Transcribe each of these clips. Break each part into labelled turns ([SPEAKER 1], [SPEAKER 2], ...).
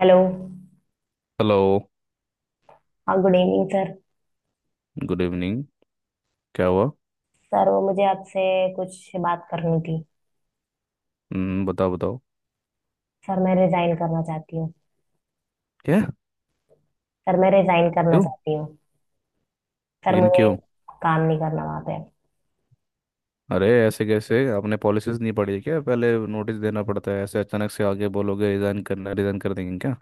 [SPEAKER 1] Hello.
[SPEAKER 2] Hello.
[SPEAKER 1] हाँ, good evening sir.
[SPEAKER 2] Good evening. क्या हुआ?
[SPEAKER 1] सर वो मुझे आपसे कुछ बात करनी थी।
[SPEAKER 2] हम्म, बताओ बताओ।
[SPEAKER 1] सर मैं रिजाइन करना चाहती हूँ।
[SPEAKER 2] क्या?
[SPEAKER 1] सर मैं रिजाइन करना
[SPEAKER 2] क्यों?
[SPEAKER 1] चाहती हूँ। सर
[SPEAKER 2] लेकिन
[SPEAKER 1] मुझे
[SPEAKER 2] क्यों?
[SPEAKER 1] काम नहीं करना वहाँ पे।
[SPEAKER 2] अरे ऐसे कैसे? आपने पॉलिसीज नहीं पढ़ी है क्या? पहले नोटिस देना पड़ता है, ऐसे अचानक से आगे बोलोगे रिजाइन करना, रिजाइन कर देंगे क्या?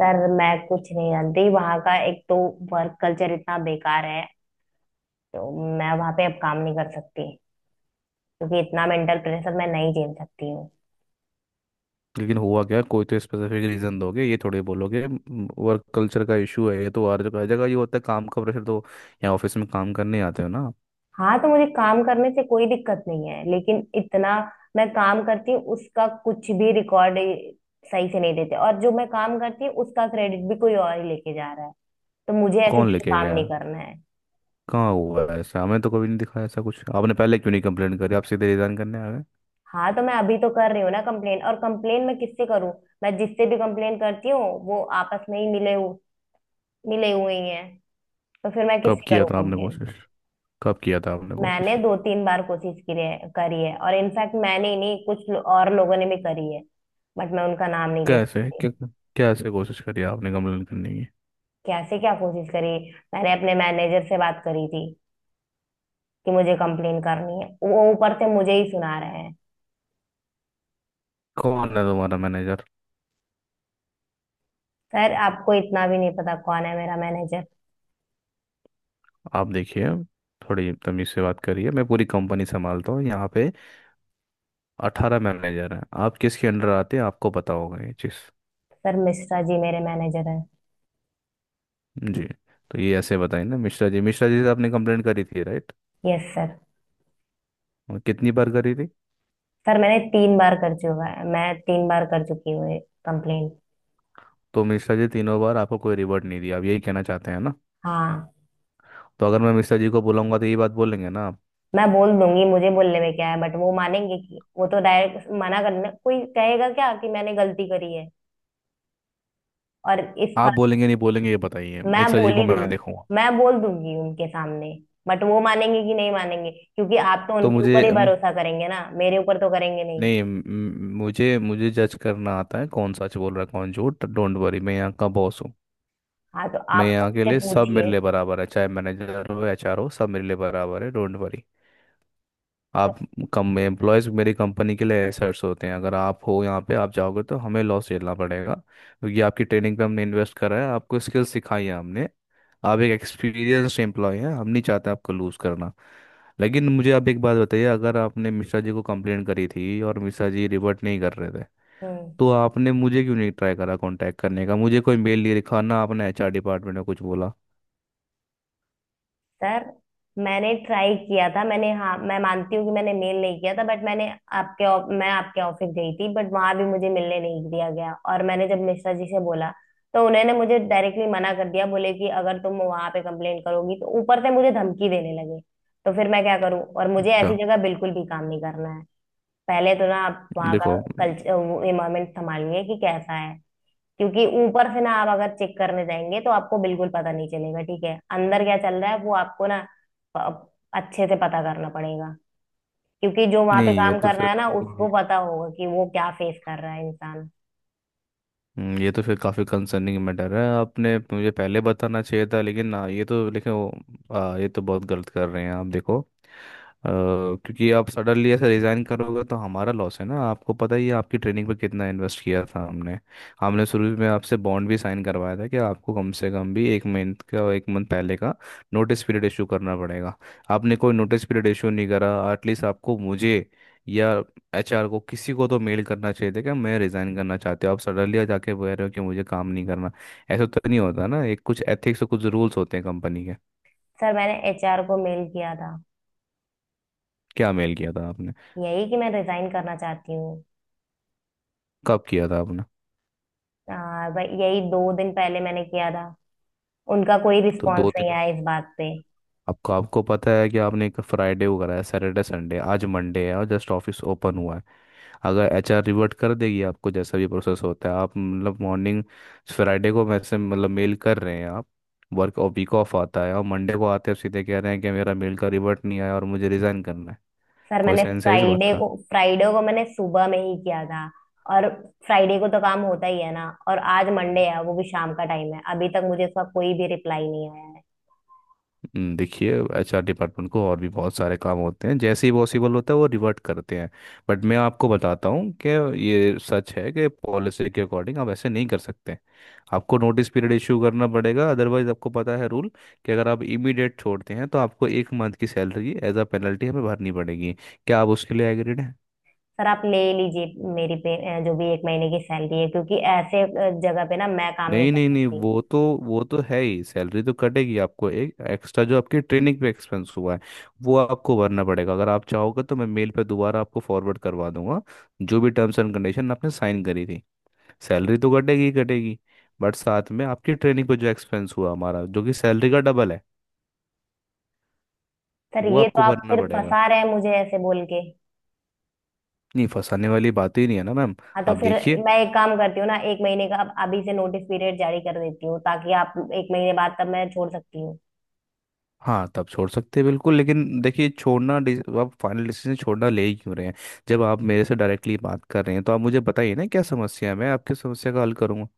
[SPEAKER 1] सर मैं कुछ नहीं जानती, वहाँ का एक तो वर्क कल्चर इतना बेकार है, तो मैं वहाँ पे अब काम नहीं कर सकती, क्योंकि इतना मेंटल प्रेशर मैं नहीं झेल सकती हूँ।
[SPEAKER 2] लेकिन हुआ क्या? कोई तो स्पेसिफिक रीजन दोगे, ये थोड़ी बोलोगे वर्क कल्चर का इशू है। ये तो हर जगह ये होता है, काम का प्रेशर तो। यहाँ ऑफिस में काम करने आते हो ना आप।
[SPEAKER 1] हाँ तो मुझे काम करने से कोई दिक्कत नहीं है, लेकिन इतना मैं काम करती हूँ उसका कुछ भी रिकॉर्ड सही से नहीं देते, और जो मैं काम करती हूँ उसका क्रेडिट भी कोई और ही लेके जा रहा है, तो मुझे ऐसी
[SPEAKER 2] कौन
[SPEAKER 1] जगह
[SPEAKER 2] लेके
[SPEAKER 1] काम
[SPEAKER 2] गया?
[SPEAKER 1] नहीं करना है।
[SPEAKER 2] कहाँ हुआ है ऐसा? हमें तो कभी नहीं दिखा ऐसा कुछ। आपने पहले क्यों नहीं कंप्लेंट करी? आप सीधे रिजाइन करने आ गए?
[SPEAKER 1] हाँ तो मैं अभी तो कर रही हूँ ना कंप्लेन। और कंप्लेन मैं किससे करूँ, मैं जिससे भी कंप्लेन करती हूँ वो आपस में ही मिले हुए ही हैं। तो फिर मैं
[SPEAKER 2] कब
[SPEAKER 1] किससे
[SPEAKER 2] किया
[SPEAKER 1] करूँ
[SPEAKER 2] था आपने
[SPEAKER 1] कंप्लेन।
[SPEAKER 2] कोशिश? कब किया था आपने
[SPEAKER 1] मैंने
[SPEAKER 2] कोशिश?
[SPEAKER 1] दो तीन बार कोशिश की है करी है, और इनफैक्ट मैंने ही नहीं और लोगों ने भी करी है, बट मैं उनका नाम नहीं ले
[SPEAKER 2] कैसे
[SPEAKER 1] सकती।
[SPEAKER 2] क्या? कैसे कोशिश करी आपने कंप्लेन करने की?
[SPEAKER 1] कैसे क्या कोशिश करी। मैंने अपने मैनेजर से बात करी थी कि मुझे कंप्लेन करनी है, वो ऊपर से मुझे ही सुना रहे हैं।
[SPEAKER 2] कौन है तुम्हारा मैनेजर?
[SPEAKER 1] सर आपको इतना भी नहीं पता कौन है मेरा मैनेजर।
[SPEAKER 2] आप देखिए, थोड़ी तमीज से बात करिए। मैं पूरी कंपनी संभालता हूँ यहाँ पे। 18 मैनेजर हैं, आप किसके अंडर आते हैं आपको पता होगा ये चीज़।
[SPEAKER 1] सर मिश्रा जी मेरे मैनेजर है।
[SPEAKER 2] जी। तो ये ऐसे बताइए ना, मिश्रा जी, मिश्रा जी से आपने कंप्लेंट करी थी राइट?
[SPEAKER 1] Yes sir.
[SPEAKER 2] और कितनी बार करी थी?
[SPEAKER 1] सर मैंने तीन बार कर चुका है, मैं तीन बार कर चुकी हूँ ये कंप्लेन।
[SPEAKER 2] तो मिश्रा जी तीनों बार आपको कोई रिवॉर्ड नहीं दिया, आप यही कहना चाहते हैं ना?
[SPEAKER 1] हाँ।
[SPEAKER 2] तो अगर मैं मिश्रा जी को बुलाऊंगा तो ये बात बोलेंगे ना आप?
[SPEAKER 1] मैं बोल दूंगी, मुझे बोलने में क्या है, बट वो मानेंगे कि? वो तो डायरेक्ट मना करने, कोई कहेगा क्या कि मैंने गलती करी है। और इस
[SPEAKER 2] आप
[SPEAKER 1] बात
[SPEAKER 2] बोलेंगे नहीं बोलेंगे ये बताइए,
[SPEAKER 1] मैं
[SPEAKER 2] मिश्रा
[SPEAKER 1] बोल
[SPEAKER 2] जी को
[SPEAKER 1] ही दूंगी,
[SPEAKER 2] मैं देखूंगा।
[SPEAKER 1] मैं बोल दूंगी उनके सामने। बट वो मानेंगे कि नहीं मानेंगे, क्योंकि आप तो
[SPEAKER 2] तो
[SPEAKER 1] उनके ऊपर
[SPEAKER 2] मुझे,
[SPEAKER 1] ही भरोसा करेंगे ना, मेरे ऊपर तो करेंगे नहीं।
[SPEAKER 2] नहीं मुझे मुझे जज करना आता है कौन सच बोल रहा है कौन झूठ। डोंट वरी, मैं यहाँ का बॉस हूँ।
[SPEAKER 1] हाँ तो
[SPEAKER 2] मैं
[SPEAKER 1] आप
[SPEAKER 2] यहाँ के
[SPEAKER 1] उससे
[SPEAKER 2] लिए, सब मेरे
[SPEAKER 1] पूछिए।
[SPEAKER 2] लिए बराबर है, चाहे मैनेजर हो HR हो, सब मेरे लिए बराबर है, डोंट वरी। आप कम, एम्प्लॉयज़ मेरी कंपनी के लिए एसेट्स होते हैं। अगर आप हो यहाँ पे, आप जाओगे तो हमें लॉस झेलना पड़ेगा, क्योंकि आपकी ट्रेनिंग पे हमने इन्वेस्ट करा है, आपको स्किल सिखाई है हमने। आप एक एक्सपीरियंस्ड एम्प्लॉय हैं, हम नहीं चाहते आपको लूज़ करना। लेकिन मुझे आप एक बात बताइए, अगर आपने मिश्रा जी को कंप्लेंट करी थी और मिश्रा जी रिवर्ट नहीं कर रहे थे,
[SPEAKER 1] हम्म।
[SPEAKER 2] तो आपने मुझे क्यों नहीं ट्राई करा कांटेक्ट करने का? मुझे कोई मेल नहीं लिखा, ना आपने HR डिपार्टमेंट में कुछ बोला।
[SPEAKER 1] सर मैंने ट्राई किया था, मैंने, हाँ मैं मानती हूँ कि मैंने मेल नहीं किया था, बट मैंने मैं आपके ऑफिस गई थी, बट वहां भी मुझे मिलने नहीं दिया गया। और मैंने जब मिश्रा जी से बोला तो उन्होंने मुझे डायरेक्टली मना कर दिया, बोले कि अगर तुम वहां पे कंप्लेंट करोगी तो, ऊपर से मुझे धमकी देने लगे। तो फिर मैं क्या करूँ, और मुझे
[SPEAKER 2] अच्छा,
[SPEAKER 1] ऐसी जगह बिल्कुल भी काम नहीं करना है। पहले तो ना आप वहाँ का
[SPEAKER 2] देखो,
[SPEAKER 1] कल्चर इन्वायरमेंट संभालिए कि कैसा है। क्योंकि ऊपर से ना आप अगर चेक करने जाएंगे तो आपको बिल्कुल पता नहीं चलेगा, ठीक है, अंदर क्या चल रहा है वो आपको ना प- अच्छे से पता करना पड़ेगा। क्योंकि जो वहां पे
[SPEAKER 2] नहीं, ये
[SPEAKER 1] काम
[SPEAKER 2] तो
[SPEAKER 1] कर रहा
[SPEAKER 2] फिर
[SPEAKER 1] है ना
[SPEAKER 2] तो,
[SPEAKER 1] उसको पता होगा कि वो क्या फेस कर रहा है इंसान।
[SPEAKER 2] ये तो फिर काफ़ी कंसर्निंग मैटर है, आपने मुझे पहले बताना चाहिए था। लेकिन ये तो लेकिन ये तो बहुत गलत कर रहे हैं आप। देखो क्योंकि आप सडनली ऐसे रिज़ाइन करोगे तो हमारा लॉस है ना। आपको पता ही है आपकी ट्रेनिंग पे कितना इन्वेस्ट किया था हमने। हमने शुरू में आपसे बॉन्ड भी साइन करवाया था कि आपको कम से कम भी एक मंथ का, एक मंथ पहले का नोटिस पीरियड इशू करना पड़ेगा। आपने कोई नोटिस पीरियड इशू नहीं करा। एटलीस्ट आपको मुझे या HR को किसी को तो मेल करना चाहिए था कि मैं रिजाइन करना चाहते हो। आप सडनली जाके कह रहे हो कि मुझे काम नहीं करना, ऐसा तो नहीं होता ना। एक कुछ एथिक्स और कुछ रूल्स होते हैं कंपनी के।
[SPEAKER 1] सर मैंने एचआर को मेल किया था।
[SPEAKER 2] क्या मेल किया था आपने?
[SPEAKER 1] यही कि मैं रिजाइन करना चाहती हूँ।
[SPEAKER 2] कब किया था आपने?
[SPEAKER 1] भाई यही दो दिन पहले मैंने किया था, उनका कोई
[SPEAKER 2] तो दो
[SPEAKER 1] रिस्पॉन्स नहीं
[SPEAKER 2] दिन,
[SPEAKER 1] आया इस बात पे।
[SPEAKER 2] आपको आपको पता है कि आपने एक फ्राइडे को कराया, सैटरडे संडे, आज मंडे है और जस्ट ऑफिस ओपन हुआ है। अगर HR रिवर्ट कर देगी आपको, जैसा भी प्रोसेस होता है, आप मतलब मॉर्निंग, फ्राइडे को मैसेज मतलब मेल कर रहे हैं आप, वर्क और वीक ऑफ आता है, और मंडे को आते हैं सीधे कह रहे हैं कि मेरा मेल का रिवर्ट नहीं आया और मुझे रिजाइन करना है।
[SPEAKER 1] सर
[SPEAKER 2] कोई
[SPEAKER 1] मैंने
[SPEAKER 2] सेंस है इस बात का?
[SPEAKER 1] फ्राइडे को मैंने सुबह में ही किया था। और फ्राइडे को तो काम होता ही है ना, और आज मंडे है, वो भी शाम का टाइम है, अभी तक मुझे उसका कोई भी रिप्लाई नहीं आया है।
[SPEAKER 2] देखिए, HR डिपार्टमेंट को और भी बहुत सारे काम होते हैं। जैसे ही पॉसिबल होता है वो रिवर्ट करते हैं। बट मैं आपको बताता हूँ कि ये सच है कि पॉलिसी के अकॉर्डिंग आप ऐसे नहीं कर सकते। आपको नोटिस पीरियड इशू करना पड़ेगा, अदरवाइज आपको पता है रूल, कि अगर आप इमीडिएट छोड़ते हैं तो आपको 1 मंथ की सैलरी एज अ पेनल्टी हमें भरनी पड़ेगी। क्या आप उसके लिए एग्रीड?
[SPEAKER 1] सर आप ले लीजिए मेरी पे जो भी एक महीने की सैलरी है, क्योंकि ऐसे जगह पे ना मैं काम नहीं
[SPEAKER 2] नहीं
[SPEAKER 1] कर
[SPEAKER 2] नहीं नहीं,
[SPEAKER 1] सकती।
[SPEAKER 2] वो तो, वो तो है ही, सैलरी तो कटेगी। आपको एक एक्स्ट्रा, जो आपके ट्रेनिंग पे एक्सपेंस हुआ है, वो आपको भरना पड़ेगा। अगर आप चाहोगे तो मैं मेल पे दोबारा आपको फॉरवर्ड करवा दूंगा, जो भी टर्म्स एंड कंडीशन आपने साइन करी थी। सैलरी तो कटेगी ही कटेगी, बट साथ में आपकी ट्रेनिंग पे जो एक्सपेंस हुआ हमारा, जो कि सैलरी का डबल है,
[SPEAKER 1] सर
[SPEAKER 2] वो
[SPEAKER 1] ये तो
[SPEAKER 2] आपको
[SPEAKER 1] आप
[SPEAKER 2] भरना
[SPEAKER 1] फिर
[SPEAKER 2] पड़ेगा।
[SPEAKER 1] फंसा रहे हैं मुझे ऐसे बोल के।
[SPEAKER 2] नहीं, फंसाने वाली बात ही नहीं है ना मैम।
[SPEAKER 1] हाँ तो
[SPEAKER 2] आप
[SPEAKER 1] फिर
[SPEAKER 2] देखिए,
[SPEAKER 1] मैं एक काम करती हूँ ना, एक महीने का अब अभी से नोटिस पीरियड जारी कर देती हूँ, ताकि आप, एक महीने बाद तब मैं छोड़ सकती हूँ।
[SPEAKER 2] हाँ तब छोड़ सकते हैं बिल्कुल, लेकिन देखिए छोड़ना, आप फाइनल डिसीजन छोड़ना ले ही क्यों रहे हैं? जब आप मेरे से डायरेक्टली बात कर रहे हैं तो आप मुझे बताइए ना क्या समस्या है, मैं आपकी समस्या का हल करूंगा।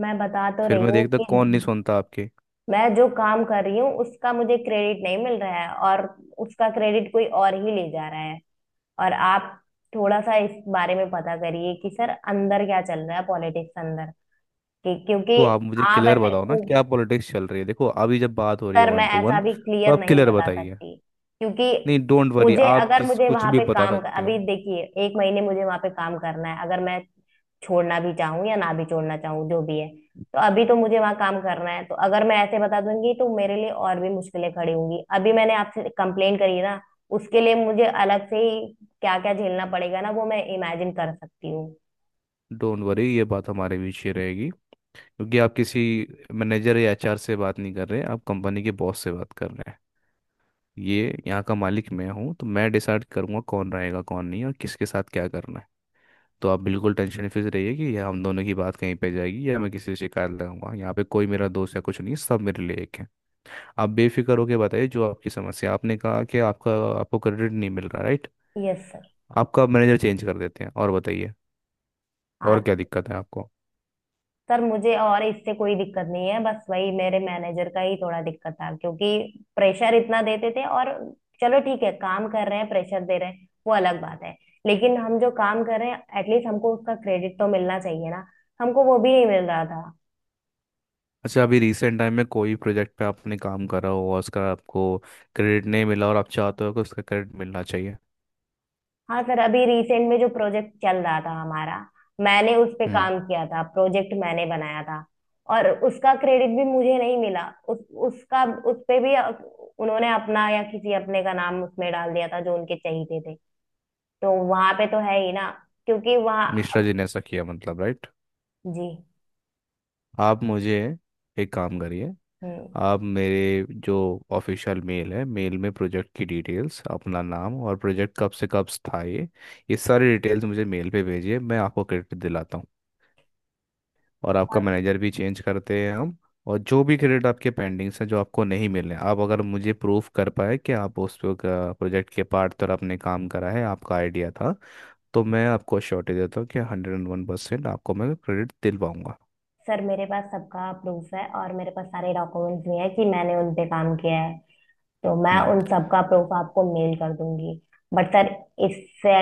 [SPEAKER 1] मैं बता तो
[SPEAKER 2] फिर
[SPEAKER 1] रही
[SPEAKER 2] मैं
[SPEAKER 1] हूँ
[SPEAKER 2] देखता
[SPEAKER 1] कि
[SPEAKER 2] कौन नहीं सुनता आपके।
[SPEAKER 1] मैं जो काम कर रही हूँ उसका मुझे क्रेडिट नहीं मिल रहा है, और उसका क्रेडिट कोई और ही ले जा रहा है। और आप थोड़ा सा इस बारे में पता करिए कि सर अंदर क्या चल रहा है पॉलिटिक्स अंदर। कि क्योंकि
[SPEAKER 2] तो आप मुझे
[SPEAKER 1] आप
[SPEAKER 2] क्लियर
[SPEAKER 1] ऐसे
[SPEAKER 2] बताओ ना क्या पॉलिटिक्स चल रही है। देखो अभी जब बात हो रही है
[SPEAKER 1] सर मैं
[SPEAKER 2] वन टू
[SPEAKER 1] ऐसा
[SPEAKER 2] वन,
[SPEAKER 1] भी
[SPEAKER 2] तो
[SPEAKER 1] क्लियर
[SPEAKER 2] आप
[SPEAKER 1] नहीं
[SPEAKER 2] क्लियर
[SPEAKER 1] बता
[SPEAKER 2] बताइए।
[SPEAKER 1] सकती, क्योंकि
[SPEAKER 2] नहीं, डोंट वरी,
[SPEAKER 1] मुझे,
[SPEAKER 2] आप
[SPEAKER 1] अगर
[SPEAKER 2] किस,
[SPEAKER 1] मुझे
[SPEAKER 2] कुछ
[SPEAKER 1] वहां
[SPEAKER 2] भी
[SPEAKER 1] पे
[SPEAKER 2] बता सकते हो।
[SPEAKER 1] अभी देखिए एक महीने मुझे वहां पे काम करना है, अगर मैं छोड़ना भी चाहूँ या ना भी छोड़ना चाहूँ जो भी है, तो अभी तो मुझे वहां काम करना है, तो अगर मैं ऐसे बता दूंगी तो मेरे लिए और भी मुश्किलें खड़ी होंगी। अभी मैंने आपसे कंप्लेन करी ना, उसके लिए मुझे अलग से ही क्या क्या झेलना पड़ेगा ना, वो मैं इमेजिन कर सकती हूँ।
[SPEAKER 2] डोंट वरी, ये बात हमारे बीच ही रहेगी। क्योंकि आप किसी मैनेजर या HR से बात नहीं कर रहे, आप कंपनी के बॉस से बात कर रहे हैं। ये यहाँ का मालिक मैं हूँ, तो मैं डिसाइड करूंगा कौन रहेगा कौन नहीं और किसके साथ क्या करना है। तो आप बिल्कुल टेंशन फ्री रहिए कि यह हम दोनों की बात कहीं पे जाएगी, या मैं किसी से शिकायत लगाऊंगा। यहाँ पे कोई मेरा दोस्त या कुछ नहीं है, सब मेरे लिए एक है। आप बेफिक्र होके बताइए जो आपकी समस्या, आपने कहा कि आपका, आपको क्रेडिट नहीं मिल रहा राइट?
[SPEAKER 1] Yes sir.
[SPEAKER 2] आपका मैनेजर चेंज कर देते हैं, और बताइए, और
[SPEAKER 1] हाँ
[SPEAKER 2] क्या दिक्कत है आपको?
[SPEAKER 1] सर मुझे और इससे कोई दिक्कत नहीं है, बस वही मेरे मैनेजर का ही थोड़ा दिक्कत था, क्योंकि प्रेशर इतना देते थे। और चलो ठीक है, काम कर रहे हैं प्रेशर दे रहे हैं, वो अलग बात है, लेकिन हम जो काम कर रहे हैं एटलीस्ट हमको उसका क्रेडिट तो मिलना चाहिए ना, हमको वो भी नहीं मिल रहा था।
[SPEAKER 2] अच्छा, अभी रिसेंट टाइम में कोई प्रोजेक्ट पे आपने काम करा हो और उसका आपको क्रेडिट नहीं मिला, और आप चाहते हो कि उसका क्रेडिट मिलना चाहिए?
[SPEAKER 1] हाँ सर, अभी रिसेंट में जो प्रोजेक्ट चल रहा था हमारा, मैंने उस पे
[SPEAKER 2] हम्म।
[SPEAKER 1] काम किया था, प्रोजेक्ट मैंने बनाया था, और उसका क्रेडिट भी मुझे नहीं मिला। उस उसका उस पे भी अ- उन्होंने अपना या किसी अपने का नाम उसमें डाल दिया था, जो उनके चाहिए थे। तो वहां पे तो है ही ना, क्योंकि
[SPEAKER 2] मिश्रा
[SPEAKER 1] वहाँ।
[SPEAKER 2] जी ने ऐसा किया मतलब राइट?
[SPEAKER 1] जी।
[SPEAKER 2] आप मुझे एक काम करिए,
[SPEAKER 1] हम्म।
[SPEAKER 2] आप मेरे जो ऑफिशियल मेल है, मेल में प्रोजेक्ट की डिटेल्स, अपना नाम और प्रोजेक्ट कब से कब था, ये सारी डिटेल्स मुझे मेल पे भेजिए, मैं आपको क्रेडिट दिलाता हूँ। और आपका मैनेजर भी चेंज करते हैं हम। और जो भी क्रेडिट आपके पेंडिंग्स हैं जो आपको नहीं मिले, आप अगर मुझे प्रूफ कर पाए कि आप उस प्रोजेक्ट के पार्ट पर आपने काम करा है, आपका आइडिया था, तो मैं आपको श्योरिटी देता हूँ कि 101% आपको मैं क्रेडिट दिलवाऊंगा।
[SPEAKER 1] सर मेरे पास सबका प्रूफ है, और मेरे पास सारे डॉक्यूमेंट्स भी हैं कि मैंने उन पे काम किया है, तो मैं
[SPEAKER 2] हम्म।
[SPEAKER 1] उन सबका प्रूफ आपको मेल कर दूंगी। बट सर इससे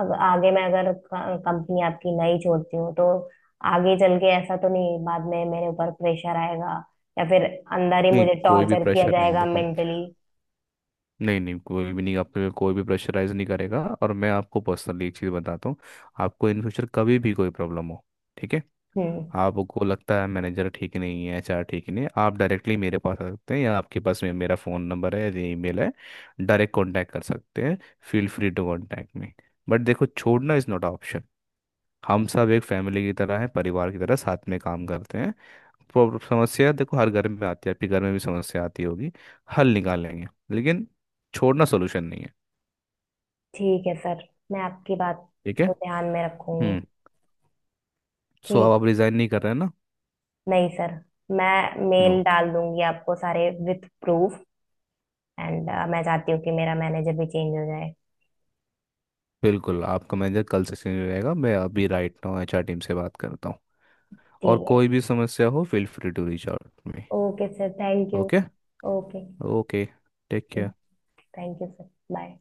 [SPEAKER 1] आगे, मैं अगर कंपनी आपकी नहीं छोड़ती हूँ तो आगे चल के ऐसा तो नहीं बाद में मेरे ऊपर प्रेशर आएगा, या फिर अंदर ही
[SPEAKER 2] नहीं
[SPEAKER 1] मुझे
[SPEAKER 2] कोई भी
[SPEAKER 1] टॉर्चर किया
[SPEAKER 2] प्रेशर नहीं है,
[SPEAKER 1] जाएगा
[SPEAKER 2] देखो,
[SPEAKER 1] मेंटली।
[SPEAKER 2] नहीं नहीं, कोई भी नहीं, आप पे कोई भी प्रेशराइज नहीं करेगा। और मैं आपको पर्सनली एक चीज़ बताता हूँ, आपको इन फ्यूचर कभी भी कोई प्रॉब्लम हो, ठीक है,
[SPEAKER 1] हम्म।
[SPEAKER 2] आपको लगता है मैनेजर ठीक नहीं है, HR ठीक नहीं है, आप डायरेक्टली मेरे पास आ सकते हैं, या आपके पास मेरा फ़ोन नंबर है या ईमेल है, डायरेक्ट कांटेक्ट कर सकते हैं। Feel free to contact me. But देखो, छोड़ना इज़ नॉट ऑप्शन। हम सब एक फैमिली की तरह हैं, परिवार की तरह साथ में काम करते हैं। प्रॉब्लम, समस्या देखो हर घर में आती है, आपके घर में भी समस्या आती होगी, हल निकाल लेंगे। लेकिन छोड़ना सोल्यूशन नहीं है।
[SPEAKER 1] ठीक है सर, मैं आपकी बात
[SPEAKER 2] ठीक है।
[SPEAKER 1] को ध्यान में रखूंगी।
[SPEAKER 2] हम्म। सो अब
[SPEAKER 1] ठीक।
[SPEAKER 2] आप रिजाइन नहीं कर रहे हैं ना?
[SPEAKER 1] नहीं सर, मैं
[SPEAKER 2] नो।
[SPEAKER 1] मेल डाल दूंगी आपको सारे विथ प्रूफ। एंड मैं चाहती हूँ कि मेरा मैनेजर भी चेंज हो जाए।
[SPEAKER 2] बिल्कुल, आपका मैनेजर कल से सीनियर रहेगा, मैं अभी राइट नाउ HR टीम से बात करता हूँ। और
[SPEAKER 1] ठीक है।
[SPEAKER 2] कोई भी समस्या हो, feel free to reach out me.
[SPEAKER 1] Okay sir thank you.
[SPEAKER 2] Okay.
[SPEAKER 1] Okay.
[SPEAKER 2] Okay. Take care.
[SPEAKER 1] Thank you sir. Bye.